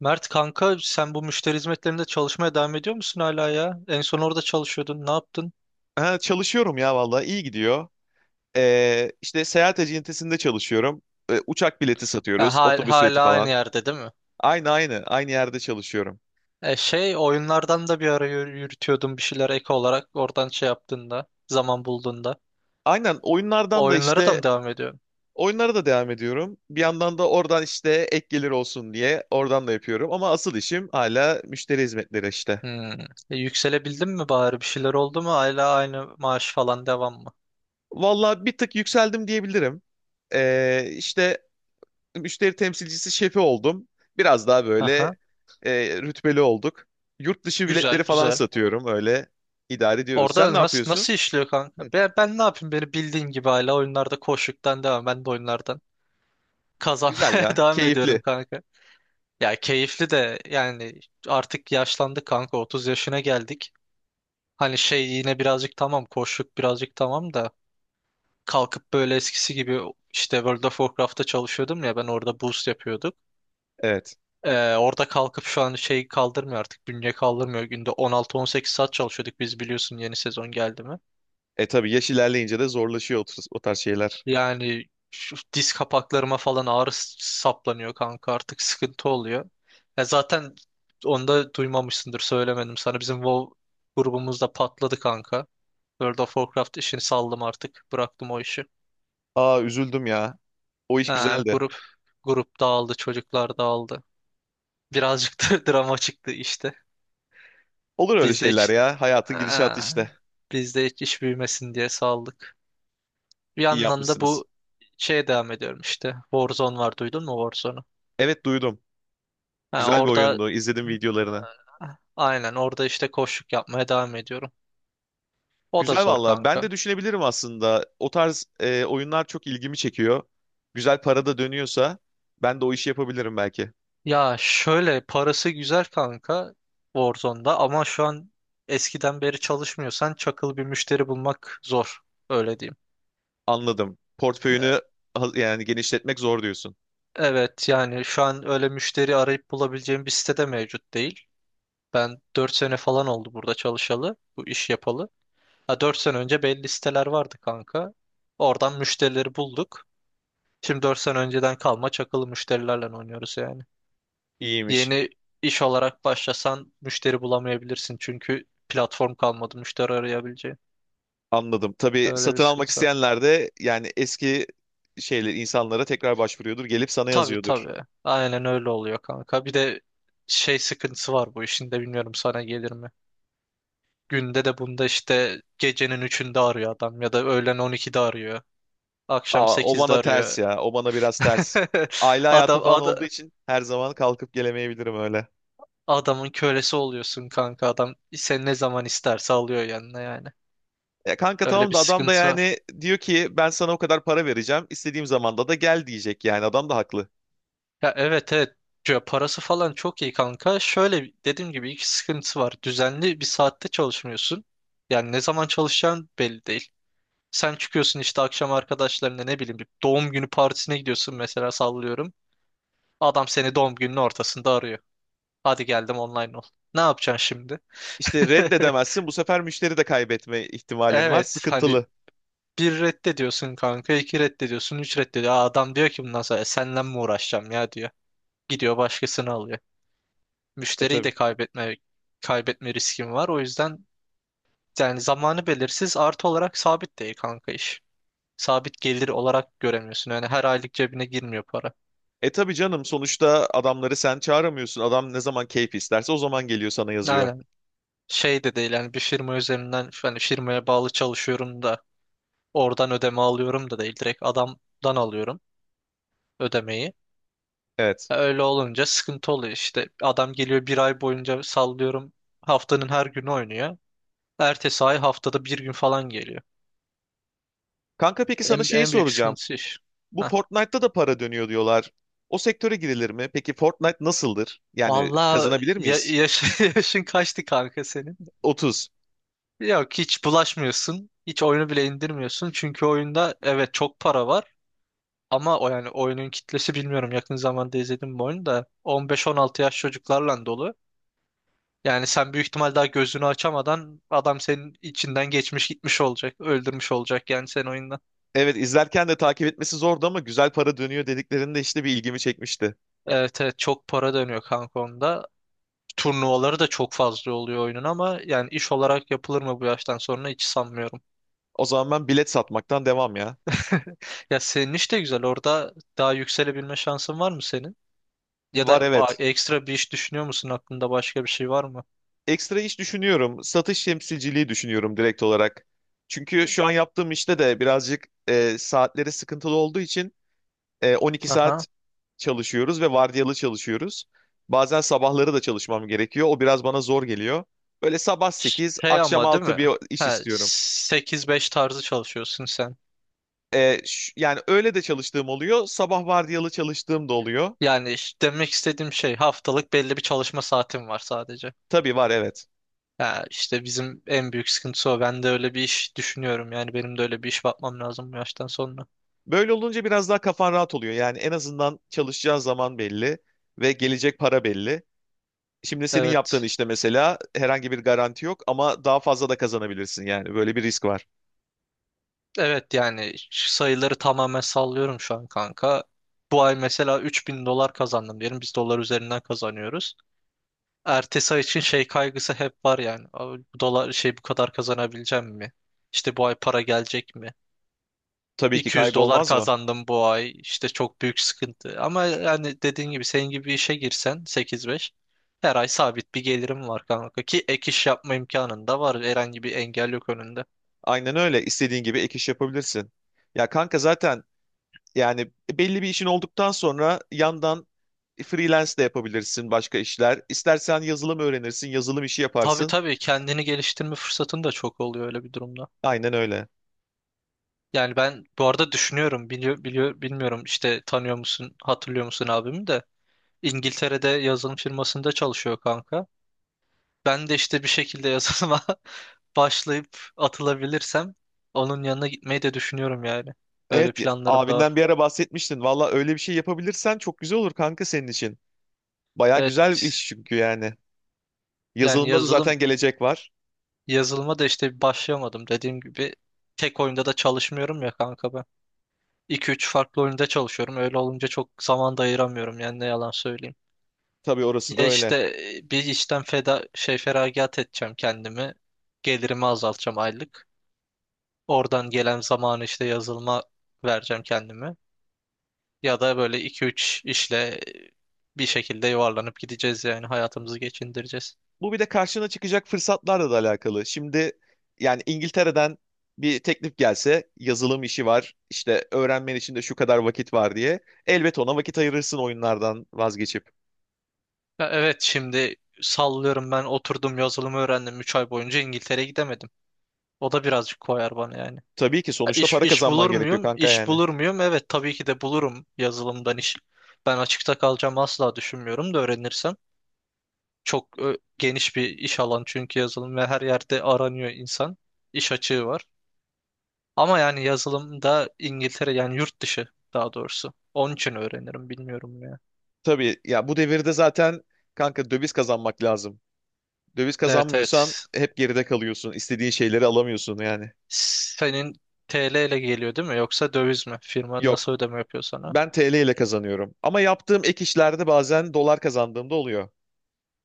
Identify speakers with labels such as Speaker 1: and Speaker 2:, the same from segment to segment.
Speaker 1: Mert kanka sen bu müşteri hizmetlerinde çalışmaya devam ediyor musun hala ya? En son orada çalışıyordun. Ne yaptın?
Speaker 2: Ha, çalışıyorum ya vallahi iyi gidiyor. İşte seyahat acentesinde çalışıyorum. Uçak bileti
Speaker 1: Ha,
Speaker 2: satıyoruz, otobüs bileti
Speaker 1: hala aynı
Speaker 2: falan.
Speaker 1: yerde değil mi?
Speaker 2: Aynı yerde çalışıyorum.
Speaker 1: E şey oyunlardan da bir ara yürütüyordun bir şeyler ek olarak oradan şey yaptığında zaman bulduğunda.
Speaker 2: Aynen
Speaker 1: O
Speaker 2: oyunlardan da
Speaker 1: Oyunlara da
Speaker 2: işte
Speaker 1: mı devam ediyorsun?
Speaker 2: oyunlara da devam ediyorum. Bir yandan da oradan işte ek gelir olsun diye oradan da yapıyorum. Ama asıl işim hala müşteri hizmetleri işte.
Speaker 1: Hmm. E, yükselebildin mi bari bir şeyler oldu mu? Hala aynı maaş falan devam mı?
Speaker 2: Vallahi bir tık yükseldim diyebilirim. İşte müşteri temsilcisi şefi oldum. Biraz daha böyle
Speaker 1: Aha.
Speaker 2: rütbeli olduk. Yurt dışı biletleri
Speaker 1: Güzel
Speaker 2: falan
Speaker 1: güzel.
Speaker 2: satıyorum, öyle idare ediyoruz. Sen ne
Speaker 1: Orada nasıl
Speaker 2: yapıyorsun?
Speaker 1: nasıl işliyor kanka?
Speaker 2: Hı,
Speaker 1: Ben ne yapayım beni bildiğin gibi hala oyunlarda koşuktan devam. Ben de oyunlardan
Speaker 2: güzel
Speaker 1: kazanmaya
Speaker 2: ya,
Speaker 1: devam ediyorum
Speaker 2: keyifli.
Speaker 1: kanka. Ya keyifli de yani artık yaşlandık kanka 30 yaşına geldik. Hani şey yine birazcık tamam koşluk birazcık tamam da kalkıp böyle eskisi gibi işte World of Warcraft'ta çalışıyordum ya ben orada boost yapıyorduk.
Speaker 2: Evet.
Speaker 1: Orada kalkıp şu an şey kaldırmıyor artık bünye kaldırmıyor günde 16-18 saat çalışıyorduk biz biliyorsun yeni sezon geldi mi.
Speaker 2: E tabii yaş ilerleyince de zorlaşıyor o, o tarz şeyler.
Speaker 1: Yani şu diz kapaklarıma falan ağrı saplanıyor kanka artık sıkıntı oluyor. Ya zaten onu da duymamışsındır söylemedim sana. Bizim WoW grubumuzda patladı kanka. World of Warcraft işini saldım artık. Bıraktım o işi.
Speaker 2: Aa, üzüldüm ya. O iş
Speaker 1: Ha,
Speaker 2: güzeldi.
Speaker 1: grup dağıldı, çocuklar dağıldı. Birazcık da drama çıktı işte.
Speaker 2: Olur öyle
Speaker 1: Biz de
Speaker 2: şeyler
Speaker 1: hiç
Speaker 2: ya. Hayatın gidişatı
Speaker 1: ha,
Speaker 2: işte.
Speaker 1: biz de hiç iş büyümesin diye saldık. Bir
Speaker 2: İyi
Speaker 1: yandan da
Speaker 2: yapmışsınız.
Speaker 1: bu şeye devam ediyorum işte. Warzone var duydun mu Warzone'u?
Speaker 2: Evet, duydum.
Speaker 1: Ha,
Speaker 2: Güzel bir
Speaker 1: orada
Speaker 2: oyundu, İzledim videolarını.
Speaker 1: Aynen orada işte koçluk yapmaya devam ediyorum. O da
Speaker 2: Güzel
Speaker 1: zor
Speaker 2: valla. Ben
Speaker 1: kanka.
Speaker 2: de düşünebilirim aslında. O tarz oyunlar çok ilgimi çekiyor. Güzel para da dönüyorsa ben de o işi yapabilirim belki.
Speaker 1: Ya şöyle parası güzel kanka Warzone'da ama şu an eskiden beri çalışmıyorsan çakıl bir müşteri bulmak zor. Öyle diyeyim.
Speaker 2: Anladım. Yani genişletmek zor diyorsun.
Speaker 1: Evet yani şu an öyle müşteri arayıp bulabileceğim bir sitede mevcut değil. Ben 4 sene falan oldu burada çalışalı, bu iş yapalı. Ha 4 sene önce belli siteler vardı kanka. Oradan müşterileri bulduk. Şimdi 4 sene önceden kalma çakılı müşterilerle oynuyoruz yani.
Speaker 2: İyiymiş.
Speaker 1: Yeni iş olarak başlasan müşteri bulamayabilirsin çünkü platform kalmadı müşteri arayabileceğin.
Speaker 2: Anladım. Tabii
Speaker 1: Öyle bir
Speaker 2: satın almak
Speaker 1: sıkıntı var.
Speaker 2: isteyenler de yani eski şeyler insanlara tekrar başvuruyordur. Gelip sana
Speaker 1: Tabii
Speaker 2: yazıyordur.
Speaker 1: tabii. Aynen öyle oluyor kanka. Bir de şey sıkıntısı var bu işin de bilmiyorum sana gelir mi? Günde de bunda işte gecenin 3'ünde arıyor adam ya da öğlen 12'de arıyor. Akşam
Speaker 2: Aa, o
Speaker 1: 8'de
Speaker 2: bana ters
Speaker 1: arıyor.
Speaker 2: ya. O bana biraz ters. Aile hayatı
Speaker 1: Adam,
Speaker 2: falan olduğu
Speaker 1: ada-
Speaker 2: için her zaman kalkıp gelemeyebilirim öyle.
Speaker 1: adamın kölesi oluyorsun kanka. Adam sen ne zaman isterse alıyor yanına yani.
Speaker 2: Ya kanka,
Speaker 1: Öyle
Speaker 2: tamam
Speaker 1: bir
Speaker 2: da adam da
Speaker 1: sıkıntı var.
Speaker 2: yani diyor ki ben sana o kadar para vereceğim, istediğim zamanda da gel diyecek, yani adam da haklı.
Speaker 1: Ya evet evet. Ya parası falan çok iyi kanka. Şöyle dediğim gibi iki sıkıntısı var. Düzenli bir saatte çalışmıyorsun. Yani ne zaman çalışacağın belli değil. Sen çıkıyorsun işte akşam arkadaşlarına ne bileyim bir doğum günü partisine gidiyorsun mesela sallıyorum. Adam seni doğum gününün ortasında arıyor. Hadi geldim online ol. Ne yapacaksın şimdi?
Speaker 2: İşte reddedemezsin, bu sefer müşteri de kaybetme ihtimalin var,
Speaker 1: Evet hani
Speaker 2: sıkıntılı.
Speaker 1: bir reddediyorsun kanka, iki reddediyorsun, üç reddediyor. Aa, adam diyor ki bundan sonra "E, senle mi uğraşacağım ya" diyor. Gidiyor başkasını alıyor.
Speaker 2: E
Speaker 1: Müşteriyi
Speaker 2: tabii.
Speaker 1: de kaybetme riskim var. O yüzden yani zamanı belirsiz artı olarak sabit değil kanka iş. Sabit gelir olarak göremiyorsun. Yani her aylık cebine girmiyor para.
Speaker 2: E tabii canım, sonuçta adamları sen çağıramıyorsun. Adam ne zaman keyfi isterse o zaman geliyor sana yazıyor.
Speaker 1: Aynen. Şey de değil yani bir firma üzerinden hani firmaya bağlı çalışıyorum da oradan ödeme alıyorum da değil. Direkt adamdan alıyorum ödemeyi.
Speaker 2: Evet.
Speaker 1: Ya öyle olunca sıkıntı oluyor işte. Adam geliyor bir ay boyunca sallıyorum haftanın her günü oynuyor. Ertesi ay haftada bir gün falan geliyor.
Speaker 2: Kanka peki sana
Speaker 1: En,
Speaker 2: şeyi
Speaker 1: en büyük
Speaker 2: soracağım.
Speaker 1: sıkıntısı iş.
Speaker 2: Bu
Speaker 1: Heh.
Speaker 2: Fortnite'ta da para dönüyor diyorlar. O sektöre girilir mi? Peki Fortnite nasıldır? Yani
Speaker 1: Vallahi
Speaker 2: kazanabilir miyiz?
Speaker 1: yaşın kaçtı kanka senin?
Speaker 2: 30.
Speaker 1: Yok hiç bulaşmıyorsun. Hiç oyunu bile indirmiyorsun. Çünkü oyunda evet çok para var. Ama o yani oyunun kitlesi bilmiyorum yakın zamanda izledim bu oyunu da 15-16 yaş çocuklarla dolu. Yani sen büyük ihtimal daha gözünü açamadan adam senin içinden geçmiş gitmiş olacak. Öldürmüş olacak yani sen oyunda.
Speaker 2: Evet, izlerken de takip etmesi zordu ama güzel para dönüyor dediklerinde işte bir ilgimi çekmişti.
Speaker 1: Evet evet çok para dönüyor kanka onda. Turnuvaları da çok fazla oluyor oyunun ama yani iş olarak yapılır mı bu yaştan sonra hiç sanmıyorum.
Speaker 2: O zaman ben bilet satmaktan devam ya.
Speaker 1: Ya senin iş de güzel. Orada daha yükselebilme şansın var mı senin? Ya da
Speaker 2: Var, evet.
Speaker 1: ekstra bir iş düşünüyor musun? Aklında başka bir şey var mı?
Speaker 2: Ekstra iş düşünüyorum. Satış temsilciliği düşünüyorum direkt olarak. Çünkü şu an yaptığım işte de birazcık saatleri sıkıntılı olduğu için 12
Speaker 1: Aha.
Speaker 2: saat çalışıyoruz ve vardiyalı çalışıyoruz. Bazen sabahları da çalışmam gerekiyor. O biraz bana zor geliyor. Böyle sabah 8
Speaker 1: Şey
Speaker 2: akşam
Speaker 1: ama değil
Speaker 2: 6 bir
Speaker 1: mi?
Speaker 2: iş
Speaker 1: He,
Speaker 2: istiyorum.
Speaker 1: 8-5 tarzı çalışıyorsun sen.
Speaker 2: Yani öyle de çalıştığım oluyor. Sabah vardiyalı çalıştığım da oluyor.
Speaker 1: Yani demek istediğim şey haftalık belli bir çalışma saatin var sadece.
Speaker 2: Tabii var, evet.
Speaker 1: Ha, işte bizim en büyük sıkıntısı o. Ben de öyle bir iş düşünüyorum. Yani benim de öyle bir iş bakmam lazım bu yaştan sonra.
Speaker 2: Böyle olunca biraz daha kafan rahat oluyor. Yani en azından çalışacağın zaman belli ve gelecek para belli. Şimdi senin yaptığın
Speaker 1: Evet.
Speaker 2: işte mesela herhangi bir garanti yok ama daha fazla da kazanabilirsin yani. Böyle bir risk var.
Speaker 1: Evet yani sayıları tamamen sallıyorum şu an kanka. Bu ay mesela 3.000 dolar kazandım diyelim. Biz dolar üzerinden kazanıyoruz. Ertesi ay için şey kaygısı hep var yani. Abi bu dolar şey bu kadar kazanabileceğim mi? İşte bu ay para gelecek mi?
Speaker 2: Tabii ki,
Speaker 1: 200
Speaker 2: kaygı
Speaker 1: dolar
Speaker 2: olmaz mı?
Speaker 1: kazandım bu ay. İşte çok büyük sıkıntı. Ama yani dediğin gibi senin gibi bir işe girsen 8-5 her ay sabit bir gelirim var kanka ki ek iş yapma imkanın da var. Herhangi bir engel yok önünde.
Speaker 2: Aynen öyle. İstediğin gibi ek iş yapabilirsin. Ya kanka zaten yani belli bir işin olduktan sonra yandan freelance de yapabilirsin başka işler. İstersen yazılım öğrenirsin, yazılım işi
Speaker 1: Tabii
Speaker 2: yaparsın.
Speaker 1: tabii kendini geliştirme fırsatın da çok oluyor öyle bir durumda.
Speaker 2: Aynen öyle.
Speaker 1: Yani ben bu arada düşünüyorum biliyor bilmiyorum işte tanıyor musun hatırlıyor musun abimi de İngiltere'de yazılım firmasında çalışıyor kanka. Ben de işte bir şekilde yazılıma başlayıp atılabilirsem onun yanına gitmeyi de düşünüyorum yani. Öyle
Speaker 2: Evet,
Speaker 1: planlarım da
Speaker 2: abinden
Speaker 1: var.
Speaker 2: bir ara bahsetmiştin. Valla öyle bir şey yapabilirsen çok güzel olur kanka senin için. Baya güzel bir
Speaker 1: Evet
Speaker 2: iş çünkü yani.
Speaker 1: yani
Speaker 2: Yazılımda da
Speaker 1: yazılım
Speaker 2: zaten gelecek var.
Speaker 1: yazılıma da işte başlayamadım dediğim gibi tek oyunda da çalışmıyorum ya kanka ben. 2 üç farklı oyunda çalışıyorum. Öyle olunca çok zaman da ayıramıyorum yani ne yalan söyleyeyim.
Speaker 2: Tabii, orası da
Speaker 1: Ya
Speaker 2: öyle.
Speaker 1: işte bir işten feda şey feragat edeceğim kendimi. Gelirimi azaltacağım aylık. Oradan gelen zamanı işte yazılıma vereceğim kendimi. Ya da böyle iki üç işle bir şekilde yuvarlanıp gideceğiz yani hayatımızı geçindireceğiz.
Speaker 2: Bu bir de karşına çıkacak fırsatlarla da alakalı. Şimdi yani İngiltere'den bir teklif gelse yazılım işi var, işte öğrenmen için de şu kadar vakit var diye. Elbet ona vakit ayırırsın oyunlardan vazgeçip.
Speaker 1: Ya evet şimdi sallıyorum ben oturdum yazılımı öğrendim 3 ay boyunca İngiltere'ye gidemedim. O da birazcık koyar bana yani.
Speaker 2: Tabii ki sonuçta
Speaker 1: İş,
Speaker 2: para
Speaker 1: iş bulur
Speaker 2: kazanman gerekiyor
Speaker 1: muyum?
Speaker 2: kanka
Speaker 1: İş
Speaker 2: yani.
Speaker 1: bulur muyum? Evet tabii ki de bulurum yazılımdan iş. Ben açıkta kalacağım asla düşünmüyorum da öğrenirsem. Çok geniş bir iş alan çünkü yazılım ve her yerde aranıyor insan. İş açığı var. Ama yani yazılımda İngiltere yani yurt dışı daha doğrusu. Onun için öğrenirim bilmiyorum ya.
Speaker 2: Tabii ya, bu devirde zaten kanka döviz kazanmak lazım. Döviz
Speaker 1: Evet
Speaker 2: kazanmıyorsan
Speaker 1: evet.
Speaker 2: hep geride kalıyorsun. İstediğin şeyleri alamıyorsun yani.
Speaker 1: Senin TL ile geliyor değil mi? Yoksa döviz mi? Firma
Speaker 2: Yok,
Speaker 1: nasıl ödeme yapıyor sana?
Speaker 2: ben TL ile kazanıyorum. Ama yaptığım ek işlerde bazen dolar kazandığımda oluyor.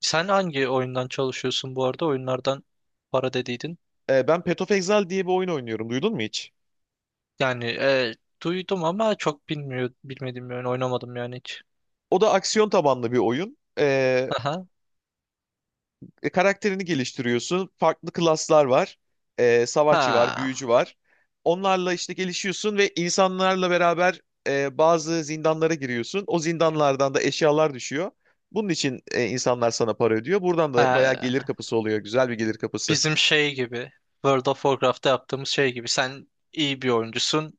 Speaker 1: Sen hangi oyundan çalışıyorsun bu arada? Oyunlardan para dediydin.
Speaker 2: Ben Path of Exile diye bir oyun oynuyorum. Duydun mu hiç?
Speaker 1: Yani duydum ama çok bilmediğim bir oyun oynamadım yani hiç.
Speaker 2: O da aksiyon tabanlı bir oyun.
Speaker 1: Aha.
Speaker 2: Karakterini geliştiriyorsun. Farklı klaslar var. Savaşçı var,
Speaker 1: Ha.
Speaker 2: büyücü var. Onlarla işte gelişiyorsun ve insanlarla beraber bazı zindanlara giriyorsun. O zindanlardan da eşyalar düşüyor. Bunun için insanlar sana para ödüyor. Buradan da bayağı gelir
Speaker 1: Ha.
Speaker 2: kapısı oluyor. Güzel bir gelir kapısı.
Speaker 1: Bizim şey gibi. World of Warcraft'ta yaptığımız şey gibi. Sen iyi bir oyuncusun.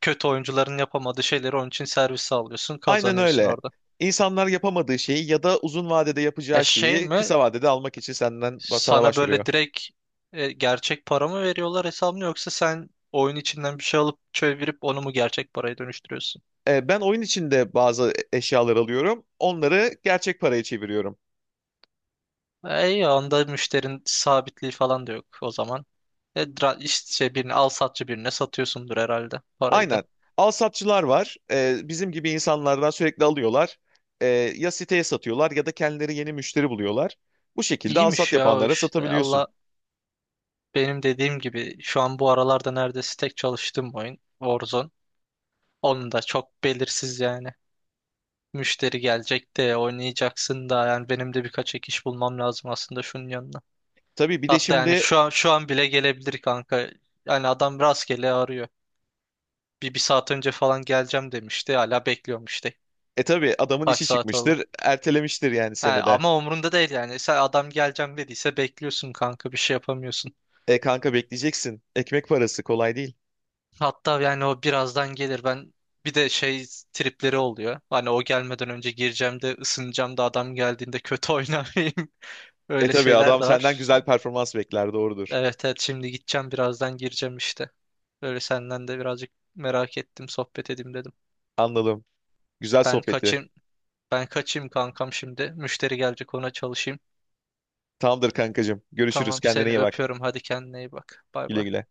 Speaker 1: Kötü oyuncuların yapamadığı şeyleri onun için servis sağlıyorsun.
Speaker 2: Aynen
Speaker 1: Kazanıyorsun
Speaker 2: öyle.
Speaker 1: orada.
Speaker 2: İnsanlar yapamadığı şeyi ya da uzun vadede
Speaker 1: E
Speaker 2: yapacağı
Speaker 1: şey
Speaker 2: şeyi
Speaker 1: mi?
Speaker 2: kısa vadede almak için senden, sana
Speaker 1: Sana böyle
Speaker 2: başvuruyor.
Speaker 1: direkt gerçek para mı veriyorlar hesabını yoksa sen oyun içinden bir şey alıp çevirip onu mu gerçek paraya dönüştürüyorsun?
Speaker 2: Ben oyun içinde bazı eşyalar alıyorum. Onları gerçek paraya çeviriyorum.
Speaker 1: E, iyi, onda müşterinin sabitliği falan da yok o zaman. E, işte şey, birini al satçı birine satıyorsundur herhalde parayı da.
Speaker 2: Aynen. Alsatçılar var. Bizim gibi insanlardan sürekli alıyorlar. Ee, Ya siteye satıyorlar ya da kendileri yeni müşteri buluyorlar. Bu şekilde alsat
Speaker 1: İyiymiş ya o
Speaker 2: yapanlara
Speaker 1: işte.
Speaker 2: satabiliyorsun.
Speaker 1: Allah benim dediğim gibi şu an bu aralarda neredeyse tek çalıştığım oyun Warzone. Onun da çok belirsiz yani. Müşteri gelecek de oynayacaksın da yani benim de birkaç ek iş bulmam lazım aslında şunun yanına.
Speaker 2: Tabii bir de
Speaker 1: Hatta yani
Speaker 2: şimdi
Speaker 1: şu an bile gelebilir kanka. Yani adam rastgele arıyor. Bir saat önce falan geleceğim demişti. Hala bekliyorum işte.
Speaker 2: e tabii adamın
Speaker 1: Kaç
Speaker 2: işi
Speaker 1: saat oldu?
Speaker 2: çıkmıştır. Ertelemiştir yani
Speaker 1: Ha,
Speaker 2: seni de.
Speaker 1: ama umrunda değil yani. Sen adam geleceğim dediyse bekliyorsun kanka bir şey yapamıyorsun.
Speaker 2: E kanka, bekleyeceksin. Ekmek parası kolay değil.
Speaker 1: Hatta yani o birazdan gelir. Ben bir de şey tripleri oluyor. Hani o gelmeden önce gireceğim de ısınacağım da adam geldiğinde kötü oynamayayım.
Speaker 2: E
Speaker 1: Öyle
Speaker 2: tabii,
Speaker 1: şeyler
Speaker 2: adam
Speaker 1: de
Speaker 2: senden
Speaker 1: var.
Speaker 2: güzel performans bekler, doğrudur.
Speaker 1: Evet evet şimdi gideceğim birazdan gireceğim işte. Böyle senden de birazcık merak ettim sohbet edeyim dedim.
Speaker 2: Anladım. Güzel
Speaker 1: Ben
Speaker 2: sohbeti.
Speaker 1: kaçayım. Ben kaçayım kankam şimdi. Müşteri gelecek ona çalışayım.
Speaker 2: Tamamdır kankacığım. Görüşürüz.
Speaker 1: Tamam
Speaker 2: Kendine
Speaker 1: seni
Speaker 2: iyi bak.
Speaker 1: öpüyorum. Hadi kendine iyi bak. Bay
Speaker 2: Güle
Speaker 1: bay.
Speaker 2: güle.